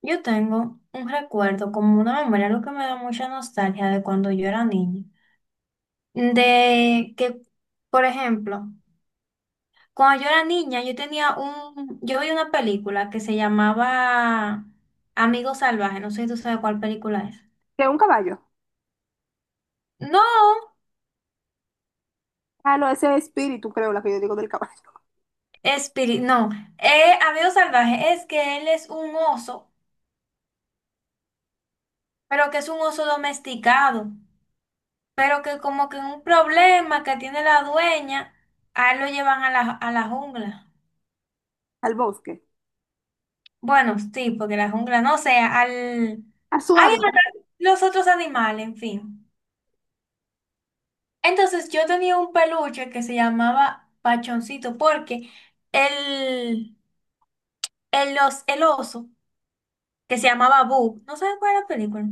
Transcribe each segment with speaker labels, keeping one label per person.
Speaker 1: Yo tengo un recuerdo, como una memoria, lo que me da mucha nostalgia de cuando yo era niña. De que, por ejemplo, cuando yo era niña, yo vi una película que se llamaba Amigo Salvaje. No sé si tú sabes cuál película es.
Speaker 2: Que un caballo.
Speaker 1: No,
Speaker 2: Ah, no, ese es espíritu, creo, la que yo digo del caballo.
Speaker 1: Espíritu, no, Amigo Salvaje es que él es un oso, pero que es un oso domesticado, pero que como que un problema que tiene la dueña, a él lo llevan a la jungla.
Speaker 2: Al bosque.
Speaker 1: Bueno, sí, porque la jungla, no sé, al...
Speaker 2: A su
Speaker 1: Hay
Speaker 2: hábitat.
Speaker 1: los otros animales, en fin. Entonces yo tenía un peluche que se llamaba Pachoncito, porque el, el oso, que se llamaba Boo, no sé cuál es la película.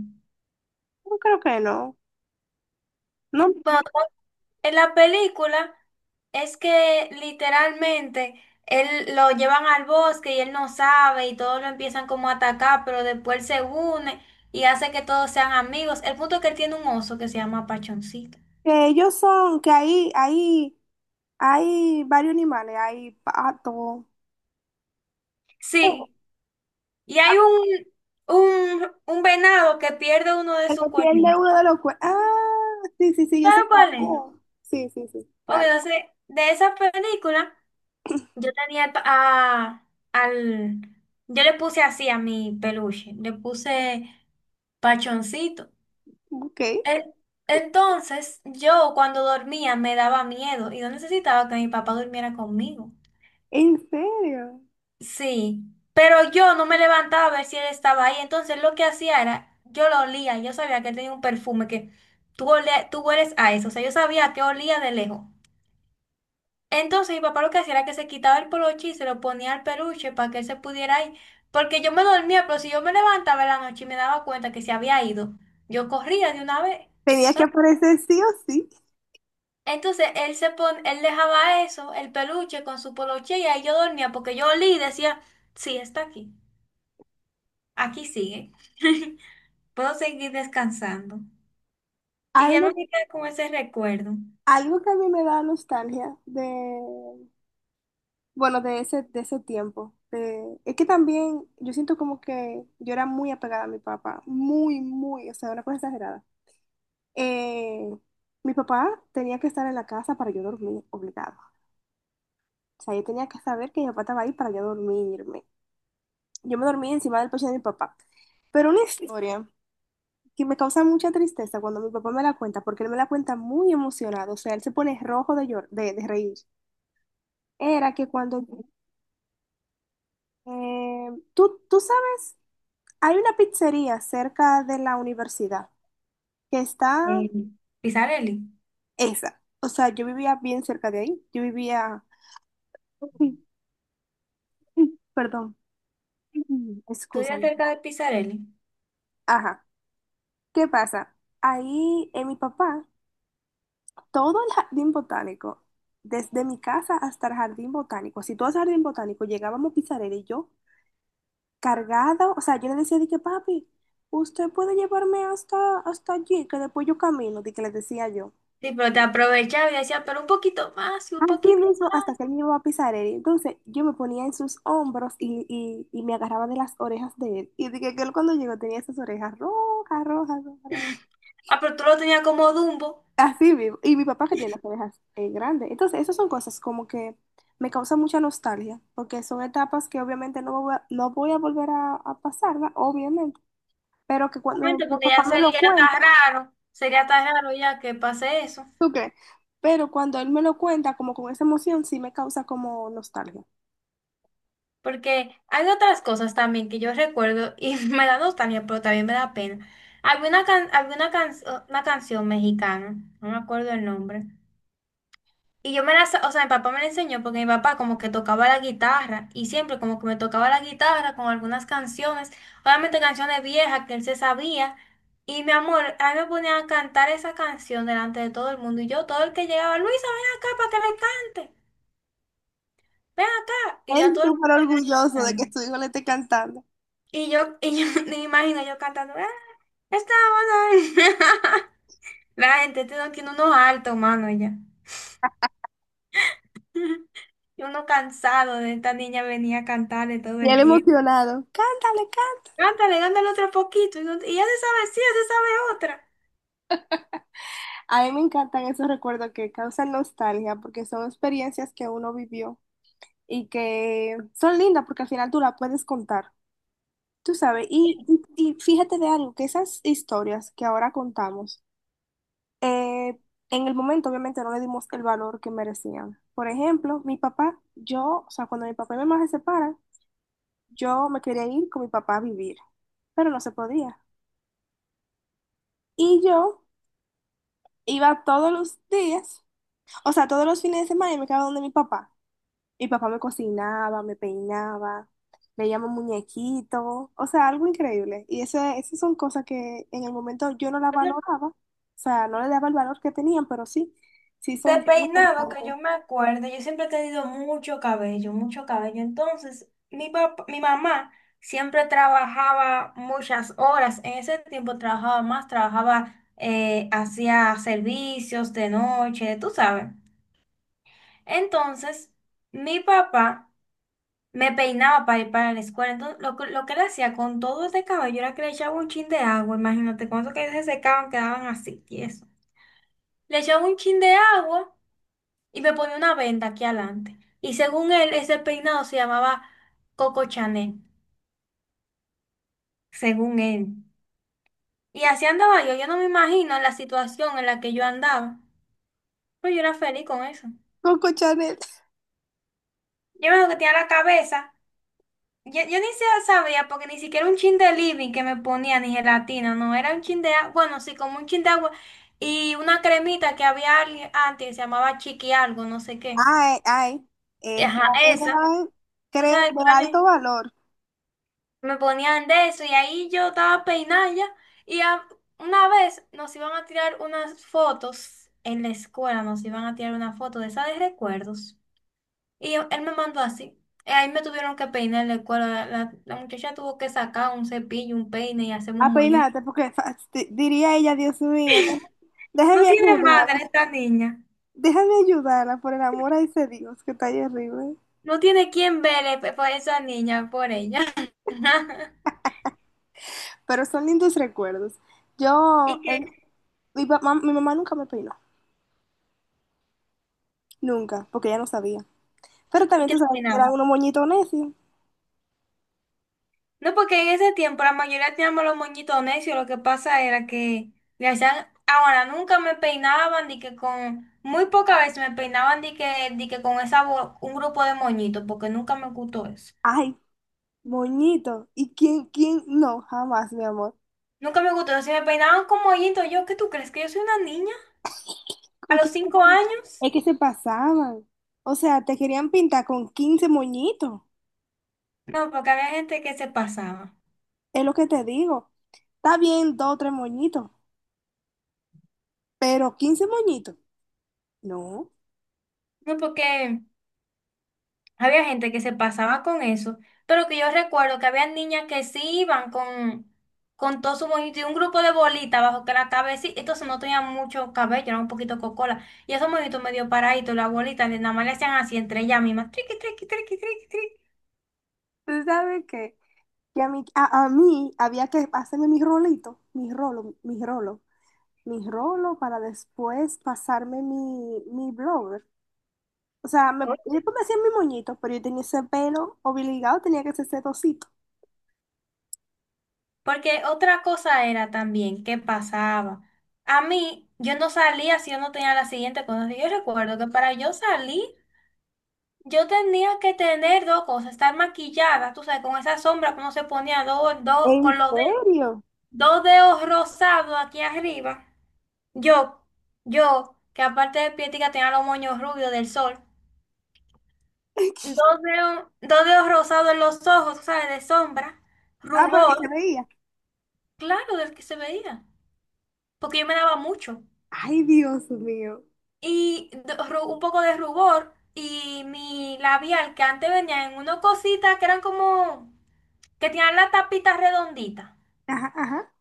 Speaker 2: No creo que no. No,
Speaker 1: Bueno, en la película es que literalmente él lo llevan al bosque y él no sabe y todos lo empiezan como a atacar, pero después él se une y hace que todos sean amigos. El punto es que él tiene un oso que se llama Pachoncito.
Speaker 2: que ellos son, que ahí, hay varios animales, hay pato. Oh.
Speaker 1: Sí, y hay un venado que pierde uno de
Speaker 2: Que
Speaker 1: sus
Speaker 2: lo pierde
Speaker 1: cuernitos.
Speaker 2: uno de los cuernos. Ah, sí, sí, sí, yo sé
Speaker 1: ¿Sabes cuál es?
Speaker 2: cuál es. Sí, sí, sí,
Speaker 1: Ok,
Speaker 2: claro.
Speaker 1: entonces, de esa película, yo tenía pa- a, al... yo le puse así a mi peluche, le puse Pachoncito.
Speaker 2: Ok.
Speaker 1: En- Entonces, yo cuando dormía me daba miedo y no necesitaba que mi papá durmiera conmigo.
Speaker 2: ¿En serio?
Speaker 1: Sí, pero yo no me levantaba a ver si él estaba ahí. Entonces lo que hacía era, yo lo olía, yo sabía que él tenía un perfume que tú hueles a eso, o sea, yo sabía que olía de lejos. Entonces mi papá lo que hacía era que se quitaba el poloche y se lo ponía al peluche para que él se pudiera ir, porque yo me dormía, pero si yo me levantaba en la noche y me daba cuenta que se había ido, yo corría de una vez, ¿tú
Speaker 2: Tenía que
Speaker 1: sabes?
Speaker 2: aparecer sí o sí.
Speaker 1: Entonces él dejaba eso, el peluche con su poloche y ahí yo dormía porque yo olía y decía, sí, está aquí. Aquí sigue. Puedo seguir descansando. Y ya
Speaker 2: Algo,
Speaker 1: me quedé con ese recuerdo.
Speaker 2: Algo que a mí me da nostalgia de, bueno, de ese tiempo. Es que también yo siento como que yo era muy apegada a mi papá, muy, muy, o sea, una cosa exagerada. Eh, Mi papá tenía que estar en la casa para yo dormir, obligado. O sea, yo tenía que saber que mi papá estaba ahí para yo dormirme. Yo me dormía encima del pecho de mi papá. Pero una historia que me causa mucha tristeza cuando mi papá me la cuenta, porque él me la cuenta muy emocionado, o sea, él se pone rojo de, de reír. Era que cuando, eh, tú sabes, hay una pizzería cerca de la universidad, que está
Speaker 1: Eh, Pisarelli.
Speaker 2: esa, o sea, yo vivía bien cerca de ahí, yo vivía, perdón,
Speaker 1: Estoy
Speaker 2: excúsame,
Speaker 1: acerca de Pisarelli.
Speaker 2: ajá, ¿qué pasa? Ahí mi papá todo el jardín botánico, desde mi casa hasta el jardín botánico, si tú vas al jardín botánico, llegábamos Pizarera y yo cargada, o sea, yo le decía de que papi, usted puede llevarme hasta allí, que después yo camino, de que le decía yo.
Speaker 1: Sí, pero te aprovechaba y decía, pero un poquito más, y un
Speaker 2: Así
Speaker 1: poquito.
Speaker 2: mismo, hasta que él me llevaba a Pizarera. Y entonces yo me ponía en sus hombros y me agarraba de las orejas de él. Y dije que él cuando llegó tenía esas orejas rojas, rojas, rojas.
Speaker 1: Ah, pero tú lo tenías como Dumbo.
Speaker 2: Así vivo. Y mi papá que tiene las orejas grandes. Entonces, esas son cosas como que me causan mucha nostalgia, porque son etapas que obviamente no voy a volver a pasar, ¿va? Obviamente. Pero que cuando
Speaker 1: Obviamente,
Speaker 2: mi
Speaker 1: porque
Speaker 2: papá
Speaker 1: ya
Speaker 2: me lo
Speaker 1: sería
Speaker 2: cuenta,
Speaker 1: tan raro. Sería tan raro ya que pase eso.
Speaker 2: ¿tú crees? Pero cuando él me lo cuenta, como con esa emoción, sí me causa como nostalgia.
Speaker 1: Porque hay otras cosas también que yo recuerdo y me da nostalgia, pero también me da pena. Había una, can- había una, can- una canción mexicana, no me acuerdo el nombre. Y yo me la, sa- o sea, mi papá me la enseñó porque mi papá como que tocaba la guitarra y siempre como que me tocaba la guitarra con algunas canciones, obviamente canciones viejas que él se sabía. Y mi amor, a mí me ponía a cantar esa canción delante de todo el mundo, y yo, todo el que llegaba: Luisa, ven acá para que le cante, ven acá. Y ya
Speaker 2: Él
Speaker 1: todo el mundo
Speaker 2: súper
Speaker 1: me viene
Speaker 2: orgulloso de
Speaker 1: cantando.
Speaker 2: que su hijo le esté cantando.
Speaker 1: Y yo me imagino yo cantando, "Ah, estamos ahí". La gente tiene unos altos, mano, ya. Y uno cansado de esta niña venía a cantarle todo
Speaker 2: Y él
Speaker 1: el tiempo.
Speaker 2: emocionado. Cántale, cántale.
Speaker 1: Cántale, dándole otro poquito. Y, y ya se sabe, sí, ya se sabe otra.
Speaker 2: A mí me encantan esos recuerdos que causan nostalgia, porque son experiencias que uno vivió, y que son lindas porque al final tú las puedes contar, tú sabes. Y fíjate de algo, que esas historias que ahora contamos, eh, en el momento obviamente no le dimos el valor que merecían. Por ejemplo, mi papá, yo, o sea, cuando mi papá y mi mamá se separan, yo me quería ir con mi papá a vivir, pero no se podía. Y yo iba todos los días, o sea, todos los fines de semana y me quedaba donde mi papá. Y papá me cocinaba, me peinaba, veíamos muñequitos, o sea, algo increíble. Y eso, esas son cosas que en el momento yo no las valoraba, o sea, no le daba el valor que tenían, pero sí, sí
Speaker 1: De
Speaker 2: son muy
Speaker 1: peinado, que yo
Speaker 2: importantes.
Speaker 1: me acuerdo, yo siempre he tenido mucho cabello, mucho cabello. Entonces, mi mamá siempre trabajaba muchas horas. En ese tiempo trabajaba más, trabajaba, hacía servicios de noche, tú sabes. Entonces, mi papá me peinaba para ir para la escuela. Entonces, lo que le hacía con todo este cabello era que le echaba un chin de agua. Imagínate, cuando que se secaban quedaban así, tiesos. Le echaba un chin de agua y me ponía una venda aquí adelante. Y según él, ese peinado se llamaba Coco Chanel, según él. Y así andaba yo. Yo no me imagino la situación en la que yo andaba. Pero yo era feliz con eso.
Speaker 2: Coco Chanel.
Speaker 1: Yo me acuerdo que tenía la cabeza. Yo ni siquiera sabía, porque ni siquiera un chin de living que me ponía, ni gelatina, no, era un chin de agua, bueno, sí, como un chin de agua y una cremita que había antes, que se llamaba chiqui algo, no sé qué.
Speaker 2: Ay, ay, Esa
Speaker 1: Ajá, esa,
Speaker 2: era,
Speaker 1: ¿tú
Speaker 2: creo,
Speaker 1: sabes
Speaker 2: de
Speaker 1: cuál es?
Speaker 2: alto valor.
Speaker 1: Me ponían de eso y ahí yo estaba peinada ya y una vez nos iban a tirar unas fotos en la escuela, nos iban a tirar una foto de esa de recuerdos. Y él me mandó así. Y ahí me tuvieron que peinar el cuero. La muchacha tuvo que sacar un cepillo, un peine y hacerme
Speaker 2: A
Speaker 1: un moñito.
Speaker 2: peinarte, porque diría ella, Dios mío,
Speaker 1: No
Speaker 2: déjame
Speaker 1: tiene
Speaker 2: ayudar,
Speaker 1: madre esta niña.
Speaker 2: déjame ayudarla por el amor a ese Dios que está ahí arriba.
Speaker 1: No tiene quien vele por esa niña, por ella.
Speaker 2: Pero son lindos recuerdos. Yo,
Speaker 1: ¿Y que
Speaker 2: el- Mi papá, mi mamá nunca me peinó, nunca, porque ella no sabía. Pero
Speaker 1: y
Speaker 2: también tú
Speaker 1: que
Speaker 2: sabes que era
Speaker 1: terminaba?
Speaker 2: uno moñito necio.
Speaker 1: No, porque en ese tiempo la mayoría teníamos los moñitos necios. Lo que pasa era que le hacían. Ahora, nunca me peinaban, ni que con. Muy pocas veces me peinaban, ni que con esa, un grupo de moñitos, porque nunca me gustó eso.
Speaker 2: Ay, moñito. ¿Y quién? No, jamás, mi amor.
Speaker 1: Nunca me gustó. Si me peinaban como hoyito, yo, ¿qué tú crees? ¿Que yo soy una niña? ¿A
Speaker 2: ¿Con
Speaker 1: los
Speaker 2: quién se
Speaker 1: cinco
Speaker 2: moñi-
Speaker 1: años?
Speaker 2: Es que se pasaban. O sea, te querían pintar con 15 moñitos.
Speaker 1: No, porque había gente que se pasaba.
Speaker 2: Es lo que te digo. Está bien, dos o tres moñitos, pero 15 moñitos. No.
Speaker 1: No, porque había gente que se pasaba con eso. Pero que yo recuerdo que había niñas que sí iban con todo su moñito y un grupo de bolitas bajo que la cabeza, entonces no tenía mucho cabello, era un poquito cocola. Y esos moñitos medio paraditos, las bolitas, nada más le hacían así entre ellas mismas. Triqui, triqui, triqui, triqui, triqui.
Speaker 2: ¿Tú sabes qué? Que a mí había que hacerme mi rolito, mi rolo para después pasarme mi blower. O sea, me, yo pues me hacía mi moñito, pero yo tenía ese pelo obligado, tenía que hacer ese trocito.
Speaker 1: Porque otra cosa era también qué pasaba. A mí, yo no salía si yo no tenía la siguiente cosa. Yo recuerdo que para yo salir, yo tenía que tener dos cosas: estar maquillada, tú sabes, con esa sombra que uno se ponía
Speaker 2: ¿En
Speaker 1: con los dedos,
Speaker 2: serio?
Speaker 1: dos dedos rosados aquí arriba. Yo, que aparte de pietica tenía los moños rubios del sol, dos dedos rosados en los ojos, tú sabes, de sombra,
Speaker 2: Ah, porque se
Speaker 1: rubor,
Speaker 2: veía.
Speaker 1: claro, del que se veía, porque yo me daba mucho.
Speaker 2: Ay, Dios mío.
Speaker 1: Y un poco de rubor y mi labial, que antes venía en unas cositas que eran como que tenían la tapita redondita.
Speaker 2: Ajá, ajá.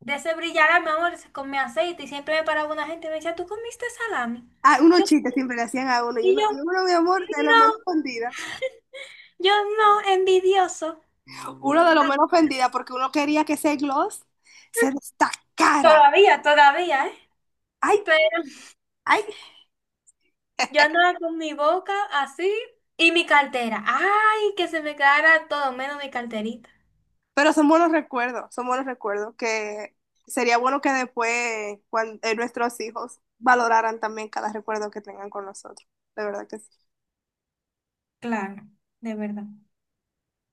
Speaker 1: De ese brillar, mi amor, con mi aceite, y siempre me paraba una gente y me decía, ¿tú comiste salami?
Speaker 2: Ah, unos
Speaker 1: Yo,
Speaker 2: chistes siempre le hacían a uno. Y
Speaker 1: y
Speaker 2: uno, y
Speaker 1: yo,
Speaker 2: uno, mi amor, de lo menos
Speaker 1: no,
Speaker 2: ofendida.
Speaker 1: yo, no, envidioso.
Speaker 2: Uno de lo menos ofendida porque uno quería que ese gloss se destacara.
Speaker 1: Todavía, todavía, ¿eh?
Speaker 2: Ay,
Speaker 1: Pero
Speaker 2: ay,
Speaker 1: yo andaba con mi boca así y mi cartera. Ay, que se me quedara todo menos mi carterita.
Speaker 2: Pero son buenos recuerdos que sería bueno que después nuestros hijos valoraran también cada recuerdo que tengan con nosotros. De verdad que sí.
Speaker 1: Claro, de verdad.